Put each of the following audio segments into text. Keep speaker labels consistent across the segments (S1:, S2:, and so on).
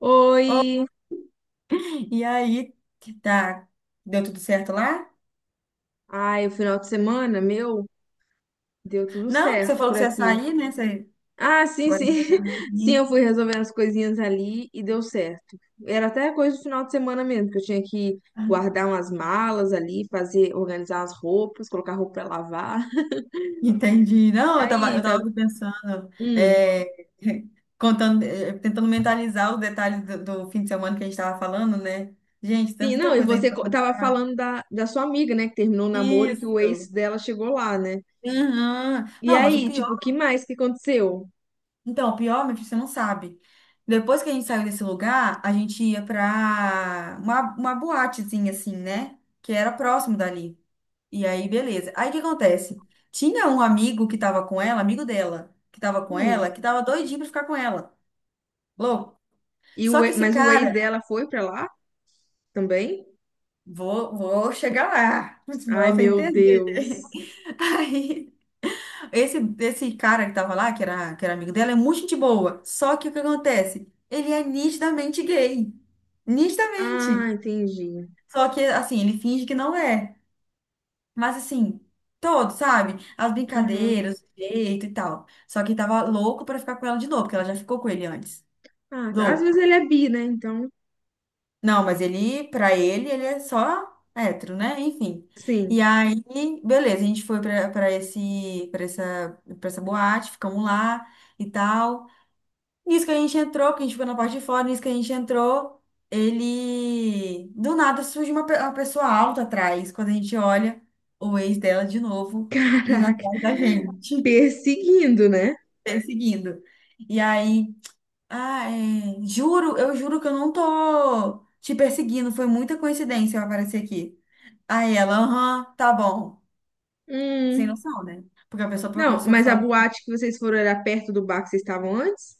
S1: Oi!
S2: E aí, que tá, deu tudo certo lá?
S1: Ai, o final de semana, meu, deu tudo
S2: Não, você
S1: certo
S2: falou
S1: por
S2: que você ia
S1: aqui.
S2: sair, né? Você
S1: Ah, sim,
S2: agora.
S1: sim. Sim, eu fui resolvendo as coisinhas ali e deu certo. Era até coisa do final de semana mesmo, que eu tinha que guardar umas malas ali, fazer, organizar as roupas, colocar roupa pra lavar.
S2: Entendi. Não, eu tava,
S1: Aí,
S2: eu tava
S1: tá.
S2: pensando,
S1: Hum.
S2: contando, tentando mentalizar os detalhes do fim de semana que a gente tava falando, né? Gente, tem
S1: Sim, não,
S2: tanta
S1: e
S2: coisa aí.
S1: tava falando da sua amiga, né, que terminou o namoro e que o ex
S2: Isso.
S1: dela chegou lá, né?
S2: Uhum.
S1: E
S2: Não, mas o
S1: aí,
S2: pior,
S1: tipo, o que mais que aconteceu?
S2: então, o pior, meu filho, você não sabe. Depois que a gente saiu desse lugar, a gente ia pra uma boatezinha assim, né? Que era próximo dali. E aí, beleza. Aí o que acontece? Tinha um amigo que tava com ela, amigo dela, que tava com
S1: Hum.
S2: ela, que tava doidinho pra ficar com ela. Louco. Só que esse
S1: Mas o ex
S2: cara,
S1: dela foi pra lá também?
S2: vou chegar lá,
S1: Ai,
S2: pra você
S1: meu
S2: entender.
S1: Deus.
S2: Aí, esse cara que tava lá, que era amigo dela, é muito gente boa. Só que o que acontece? Ele é nitidamente gay.
S1: Ah,
S2: Nitidamente.
S1: entendi.
S2: Só que, assim, ele finge que não é. Mas assim, todos, sabe? As
S1: Aham.
S2: brincadeiras, o jeito e tal. Só que tava louco pra ficar com ela de novo, porque ela já ficou com ele antes.
S1: Ah, tá. Às vezes
S2: Louco.
S1: ele é bi, né? Então,
S2: Não, mas ele, pra ele, ele é só hétero, né? Enfim. E
S1: sim.
S2: aí, beleza, a gente foi pra essa boate, ficamos lá e tal. Nisso que a gente entrou, que a gente ficou na parte de fora, nisso que a gente entrou, ele. Do nada surge uma pessoa alta atrás, quando a gente olha o ex dela de novo indo
S1: Caraca.
S2: atrás da gente,
S1: Perseguindo, né?
S2: perseguindo. E aí, ah, eu juro que eu não tô te perseguindo, foi muita coincidência eu aparecer aqui. Aí ela, aham, tá bom. Sem
S1: Hum.
S2: noção, né? Porque a pessoa, a
S1: Não,
S2: pessoa
S1: mas a
S2: fala,
S1: boate que vocês foram era perto do bar que vocês estavam antes?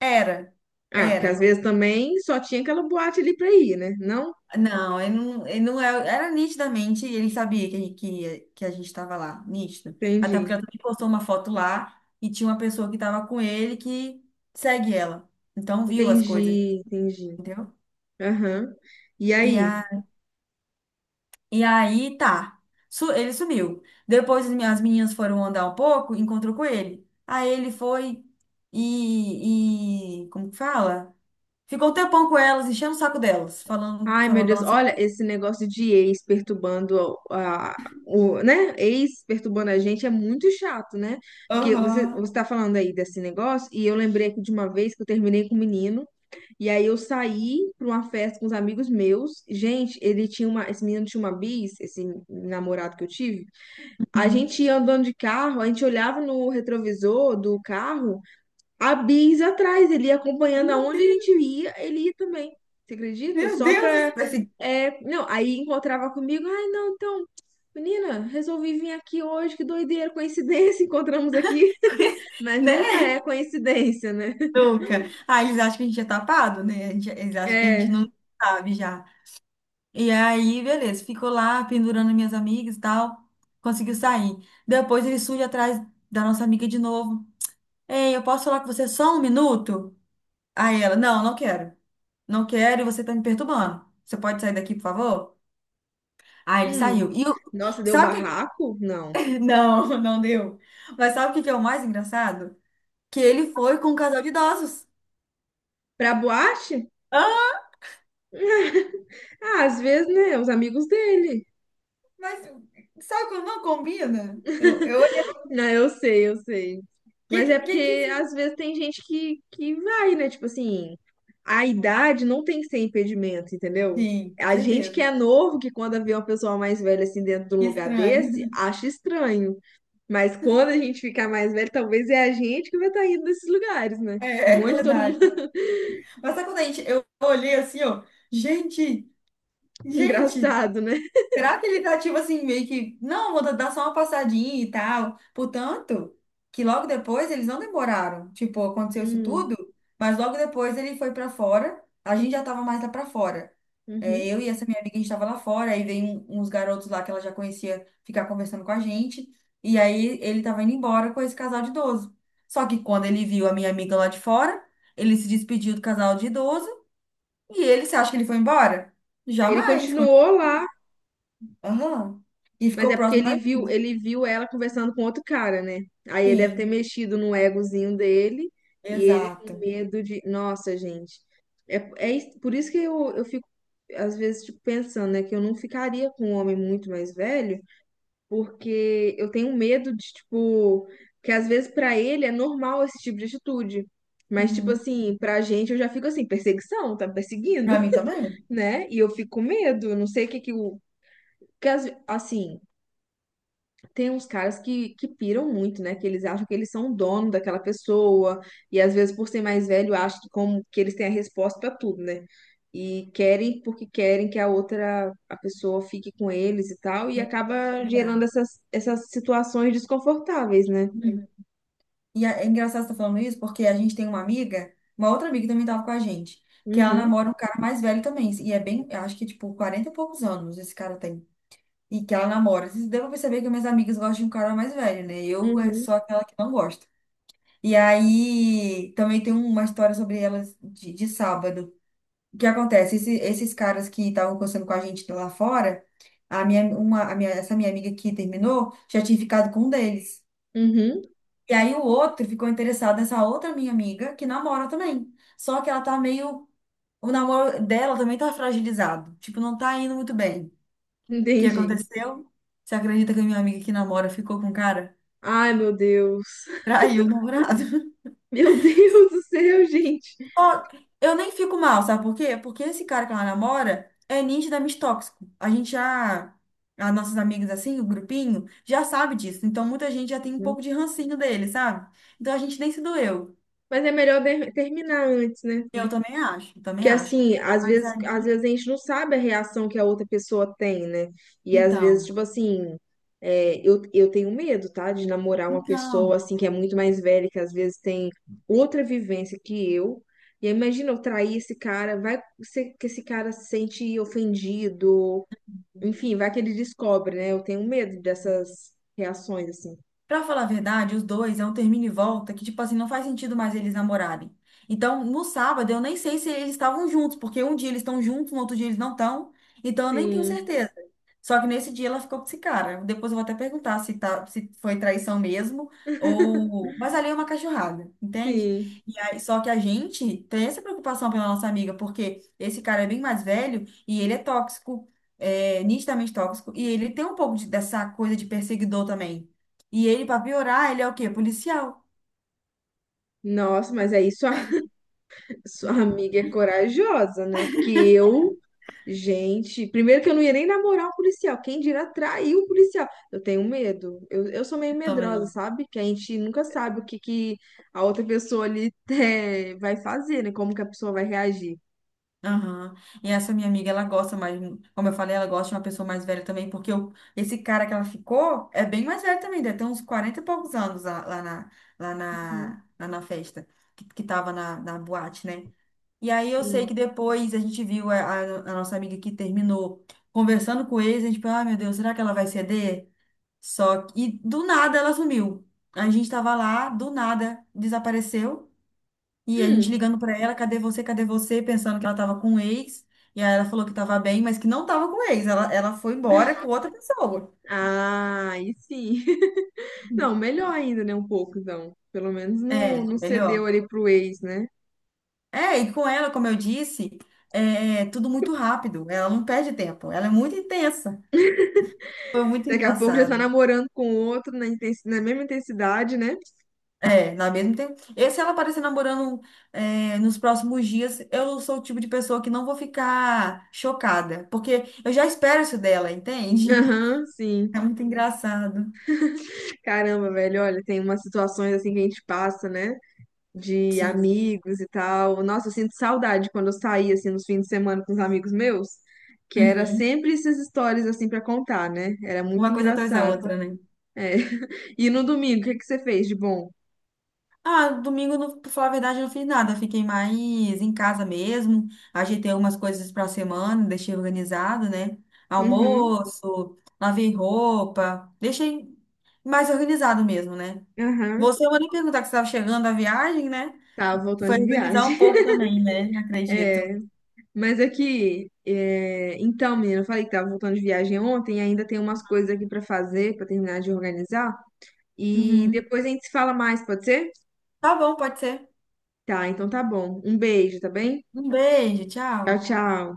S2: era,
S1: Ah, porque às
S2: era.
S1: vezes também só tinha aquela boate ali pra ir, né? Não?
S2: Não, ele não era nitidamente, ele sabia que a gente estava lá, nítido. Até
S1: Entendi.
S2: porque ela também postou uma foto lá e tinha uma pessoa que estava com ele que segue ela. Então viu as coisas,
S1: Entendi, entendi.
S2: entendeu?
S1: Aham. E
S2: E,
S1: aí?
S2: a, e aí, tá. Ele sumiu. Depois as meninas foram andar um pouco, encontrou com ele. Aí ele foi e como que fala? Ficou um tempão com elas, enchendo o saco delas, falando,
S1: Ai, meu
S2: falando da
S1: Deus,
S2: nossa.
S1: olha esse negócio de ex perturbando a- o, né? Ex perturbando a gente é muito chato, né? Porque você,
S2: Aham.
S1: você tá falando aí desse negócio, e eu lembrei aqui de uma vez que eu terminei com um menino, e aí eu saí pra uma festa com os amigos meus. Gente, ele tinha uma, esse menino tinha uma bis, esse namorado que eu tive. A gente ia andando de carro, a gente olhava no retrovisor do carro há bis atrás, ele ia acompanhando aonde a
S2: Uhum.
S1: gente ia, ele ia também. Você acredita?
S2: Meu
S1: Só
S2: Deus,
S1: pra.
S2: esse,
S1: É, não, aí encontrava comigo, ai, não, então, menina, resolvi vir aqui hoje, que doideira, coincidência, encontramos aqui. Mas
S2: né,
S1: nunca é coincidência, né?
S2: Luca? Ah, eles acham que a gente é tapado, né? Eles acham que a gente
S1: É.
S2: não sabe já. E aí, beleza, ficou lá pendurando minhas amigas e tal, conseguiu sair. Depois ele surge atrás da nossa amiga de novo. Ei, eu posso falar com você só um minuto? Aí ela, não, não quero. Não quero e você tá me perturbando. Você pode sair daqui, por favor? Aí ele
S1: Hum.
S2: saiu. E eu,
S1: Nossa, deu
S2: sabe o
S1: barraco? Não.
S2: que... Não, não deu. Mas sabe o que que é o mais engraçado? Que ele foi com um casal de idosos.
S1: Pra boate? Ah, às vezes, né? Os amigos dele.
S2: Mas sabe quando não combina? Eu olhei.
S1: Não, eu sei, eu sei.
S2: Que,
S1: Mas é
S2: que, que, que
S1: porque às
S2: esse-
S1: vezes tem gente que vai, né? Tipo assim, a idade não tem que ser impedimento, entendeu?
S2: Sim, com
S1: A gente que
S2: certeza.
S1: é novo, que quando vê uma pessoa mais velha assim dentro de um
S2: Que
S1: lugar desse,
S2: estranho.
S1: acha estranho. Mas quando a gente ficar mais velho, talvez é a gente que vai estar indo nesses lugares, né?
S2: É,
S1: Um
S2: é
S1: monte de todo mundo.
S2: verdade. Mas sabe quando a gente. Eu olhei assim, ó. Gente, gente.
S1: Engraçado, né?
S2: Será que ele tá tipo assim, meio que, não, vou dar só uma passadinha e tal? Portanto, que logo depois eles não demoraram. Tipo, aconteceu isso
S1: Hum,
S2: tudo, mas logo depois ele foi pra fora, a gente já tava mais lá pra fora. É,
S1: uhum.
S2: eu e essa minha amiga, a gente tava lá fora, aí veio uns garotos lá que ela já conhecia ficar conversando com a gente, e aí ele tava indo embora com esse casal de idoso. Só que quando ele viu a minha amiga lá de fora, ele se despediu do casal de idoso, e ele, você acha que ele foi embora?
S1: Ele
S2: Jamais.
S1: continuou lá.
S2: Aham. E
S1: Mas
S2: ficou
S1: é porque
S2: próximo da
S1: ele viu ela conversando com outro cara, né? Aí ele deve ter
S2: gente.
S1: mexido no egozinho dele e ele com
S2: Exato.
S1: medo de. Nossa, gente. Por isso que eu fico, às vezes, tipo, pensando, né? Que eu não ficaria com um homem muito mais velho, porque eu tenho medo de, tipo. Que às vezes pra ele é normal esse tipo de atitude. Mas, tipo
S2: Uhum.
S1: assim, pra gente eu já fico assim, perseguição, tá me perseguindo,
S2: Pra mim também.
S1: né? E eu fico com medo, eu não sei o que que o. Assim tem uns caras que piram muito, né? Que eles acham que eles são o dono daquela pessoa, e às vezes, por ser mais velho, acham que, como, que eles têm a resposta para tudo, né? E querem porque querem que a pessoa fique com eles e tal, e
S2: Sim.
S1: acaba gerando
S2: Obrigada.
S1: essas situações desconfortáveis, né?
S2: Uhum. E é engraçado você estar falando isso, porque a gente tem uma amiga, uma outra amiga que também estava com a gente, que ela
S1: Uhum,
S2: namora um cara mais velho também. E é bem, eu acho que tipo 40 e poucos anos esse cara tem. E que ela namora. Vocês devem perceber que minhas amigas gostam de um cara mais velho, né? Eu
S1: uhum,
S2: sou aquela que não gosta. E aí também tem uma história sobre elas de sábado. O que acontece? Esses caras que estavam conversando com a gente lá fora, a minha, uma, a minha, essa minha amiga que terminou já tinha ficado com um deles.
S1: uhum,
S2: E aí o outro ficou interessado nessa outra minha amiga que namora também. Só que ela tá meio. O namoro dela também tá fragilizado. Tipo, não tá indo muito bem. O que
S1: entendi.
S2: aconteceu? Você acredita que a minha amiga que namora ficou com um cara?
S1: Ai, meu Deus.
S2: Traiu o namorado.
S1: Meu Deus do céu, gente.
S2: Ó, eu nem fico mal, sabe por quê? Porque esse cara que ela namora é nitidamente tóxico. A gente já, as nossas amigas assim, o grupinho, já sabe disso. Então muita gente já tem um pouco de rancinho dele, sabe? Então a gente nem se doeu.
S1: Terminar antes, né?
S2: Eu também acho,
S1: Que
S2: também acho.
S1: assim,
S2: Mas
S1: às
S2: aí,
S1: vezes a gente não sabe a reação que a outra pessoa tem, né? E às vezes,
S2: então,
S1: tipo assim, é, eu tenho medo, tá? De namorar uma pessoa
S2: então.
S1: assim que é muito mais velha, que às vezes tem outra vivência que eu. E aí, imagina eu trair esse cara, vai ser que esse cara se sente ofendido, enfim, vai que ele descobre, né? Eu tenho medo dessas reações, assim.
S2: Pra falar a verdade, os dois é um termina e volta que, tipo assim, não faz sentido mais eles namorarem. Então, no sábado, eu nem sei se eles estavam juntos, porque um dia eles estão juntos, no outro dia eles não estão. Então, eu nem tenho
S1: Sim,
S2: certeza. Só que nesse dia ela ficou com esse cara. Depois eu vou até perguntar se, tá, se foi traição mesmo ou. Mas ali é uma cachorrada, entende?
S1: sim.
S2: E aí, só que a gente tem essa preocupação pela nossa amiga, porque esse cara é bem mais velho e ele é tóxico, nitidamente tóxico, e ele tem um pouco dessa coisa de perseguidor também. E ele, pra piorar, ele é o quê? Policial.
S1: Nossa, mas aí sua, sua amiga é corajosa, né? Porque eu. Gente, primeiro que eu não ia nem namorar um policial. Quem dirá trair um policial? Eu tenho medo. Eu sou meio medrosa,
S2: Também.
S1: sabe? Que a gente nunca sabe o que, que a outra pessoa ali vai fazer, né? Como que a pessoa vai reagir.
S2: Aham. E essa minha amiga, ela gosta mais, como eu falei, ela gosta de uma pessoa mais velha também, porque esse cara que ela ficou é bem mais velho também, deve ter uns 40 e poucos anos lá, lá na, lá
S1: Uhum,
S2: na, lá na festa, que tava na boate, né? E aí eu sei
S1: sim.
S2: que depois a gente viu a nossa amiga que terminou conversando com eles, a gente pensou, ah, meu Deus, será que ela vai ceder? E do nada ela sumiu. A gente tava lá, do nada desapareceu. E a gente
S1: Hum,
S2: ligando pra ela, cadê você, pensando que ela tava com o ex. E aí ela falou que tava bem, mas que não tava com o ex. Ela foi embora com outra pessoa.
S1: ah, aí sim. Não, melhor ainda, né? Um pouco, então. Pelo menos não,
S2: É,
S1: não cedeu
S2: melhor.
S1: ali pro ex, né?
S2: É, e com ela, como eu disse, é tudo muito rápido. Ela não perde tempo. Ela é muito intensa. Foi muito
S1: Daqui a pouco já tá
S2: engraçado.
S1: namorando com outro na, na mesma intensidade, né?
S2: É, na mesma tempo. E se ela aparecer namorando nos próximos dias, eu sou o tipo de pessoa que não vou ficar chocada. Porque eu já espero isso dela, entende?
S1: Aham, sim.
S2: É muito engraçado.
S1: Caramba, velho, olha, tem umas situações assim que a gente passa, né? De
S2: Sim.
S1: amigos e tal. Nossa, eu sinto saudade quando eu saía assim nos fins de semana com os amigos meus, que era
S2: Uhum.
S1: sempre essas histórias assim pra contar, né? Era muito
S2: Uma coisa atrás da
S1: engraçado.
S2: outra, né?
S1: É. E no domingo, o que é que você fez de bom?
S2: Ah, domingo, não, pra falar a verdade, eu não fiz nada. Fiquei mais em casa mesmo. Ajeitei algumas coisas pra semana, deixei organizado, né?
S1: Uhum,
S2: Almoço, lavei roupa, deixei mais organizado mesmo, né?
S1: aham.
S2: Eu vou nem perguntar que você estava chegando da viagem, né?
S1: Tava voltando
S2: Foi
S1: de
S2: organizar
S1: viagem.
S2: um pouco também, né?
S1: É,
S2: Acredito.
S1: mas aqui, é, então, menina, eu falei que tava voltando de viagem ontem, e ainda tem umas coisas aqui pra fazer, pra terminar de organizar. E
S2: Uhum.
S1: depois a gente se fala mais, pode ser?
S2: Tá bom, pode ser.
S1: Tá, então tá bom. Um beijo, tá bem?
S2: Um beijo,
S1: Tchau,
S2: tchau.
S1: tchau.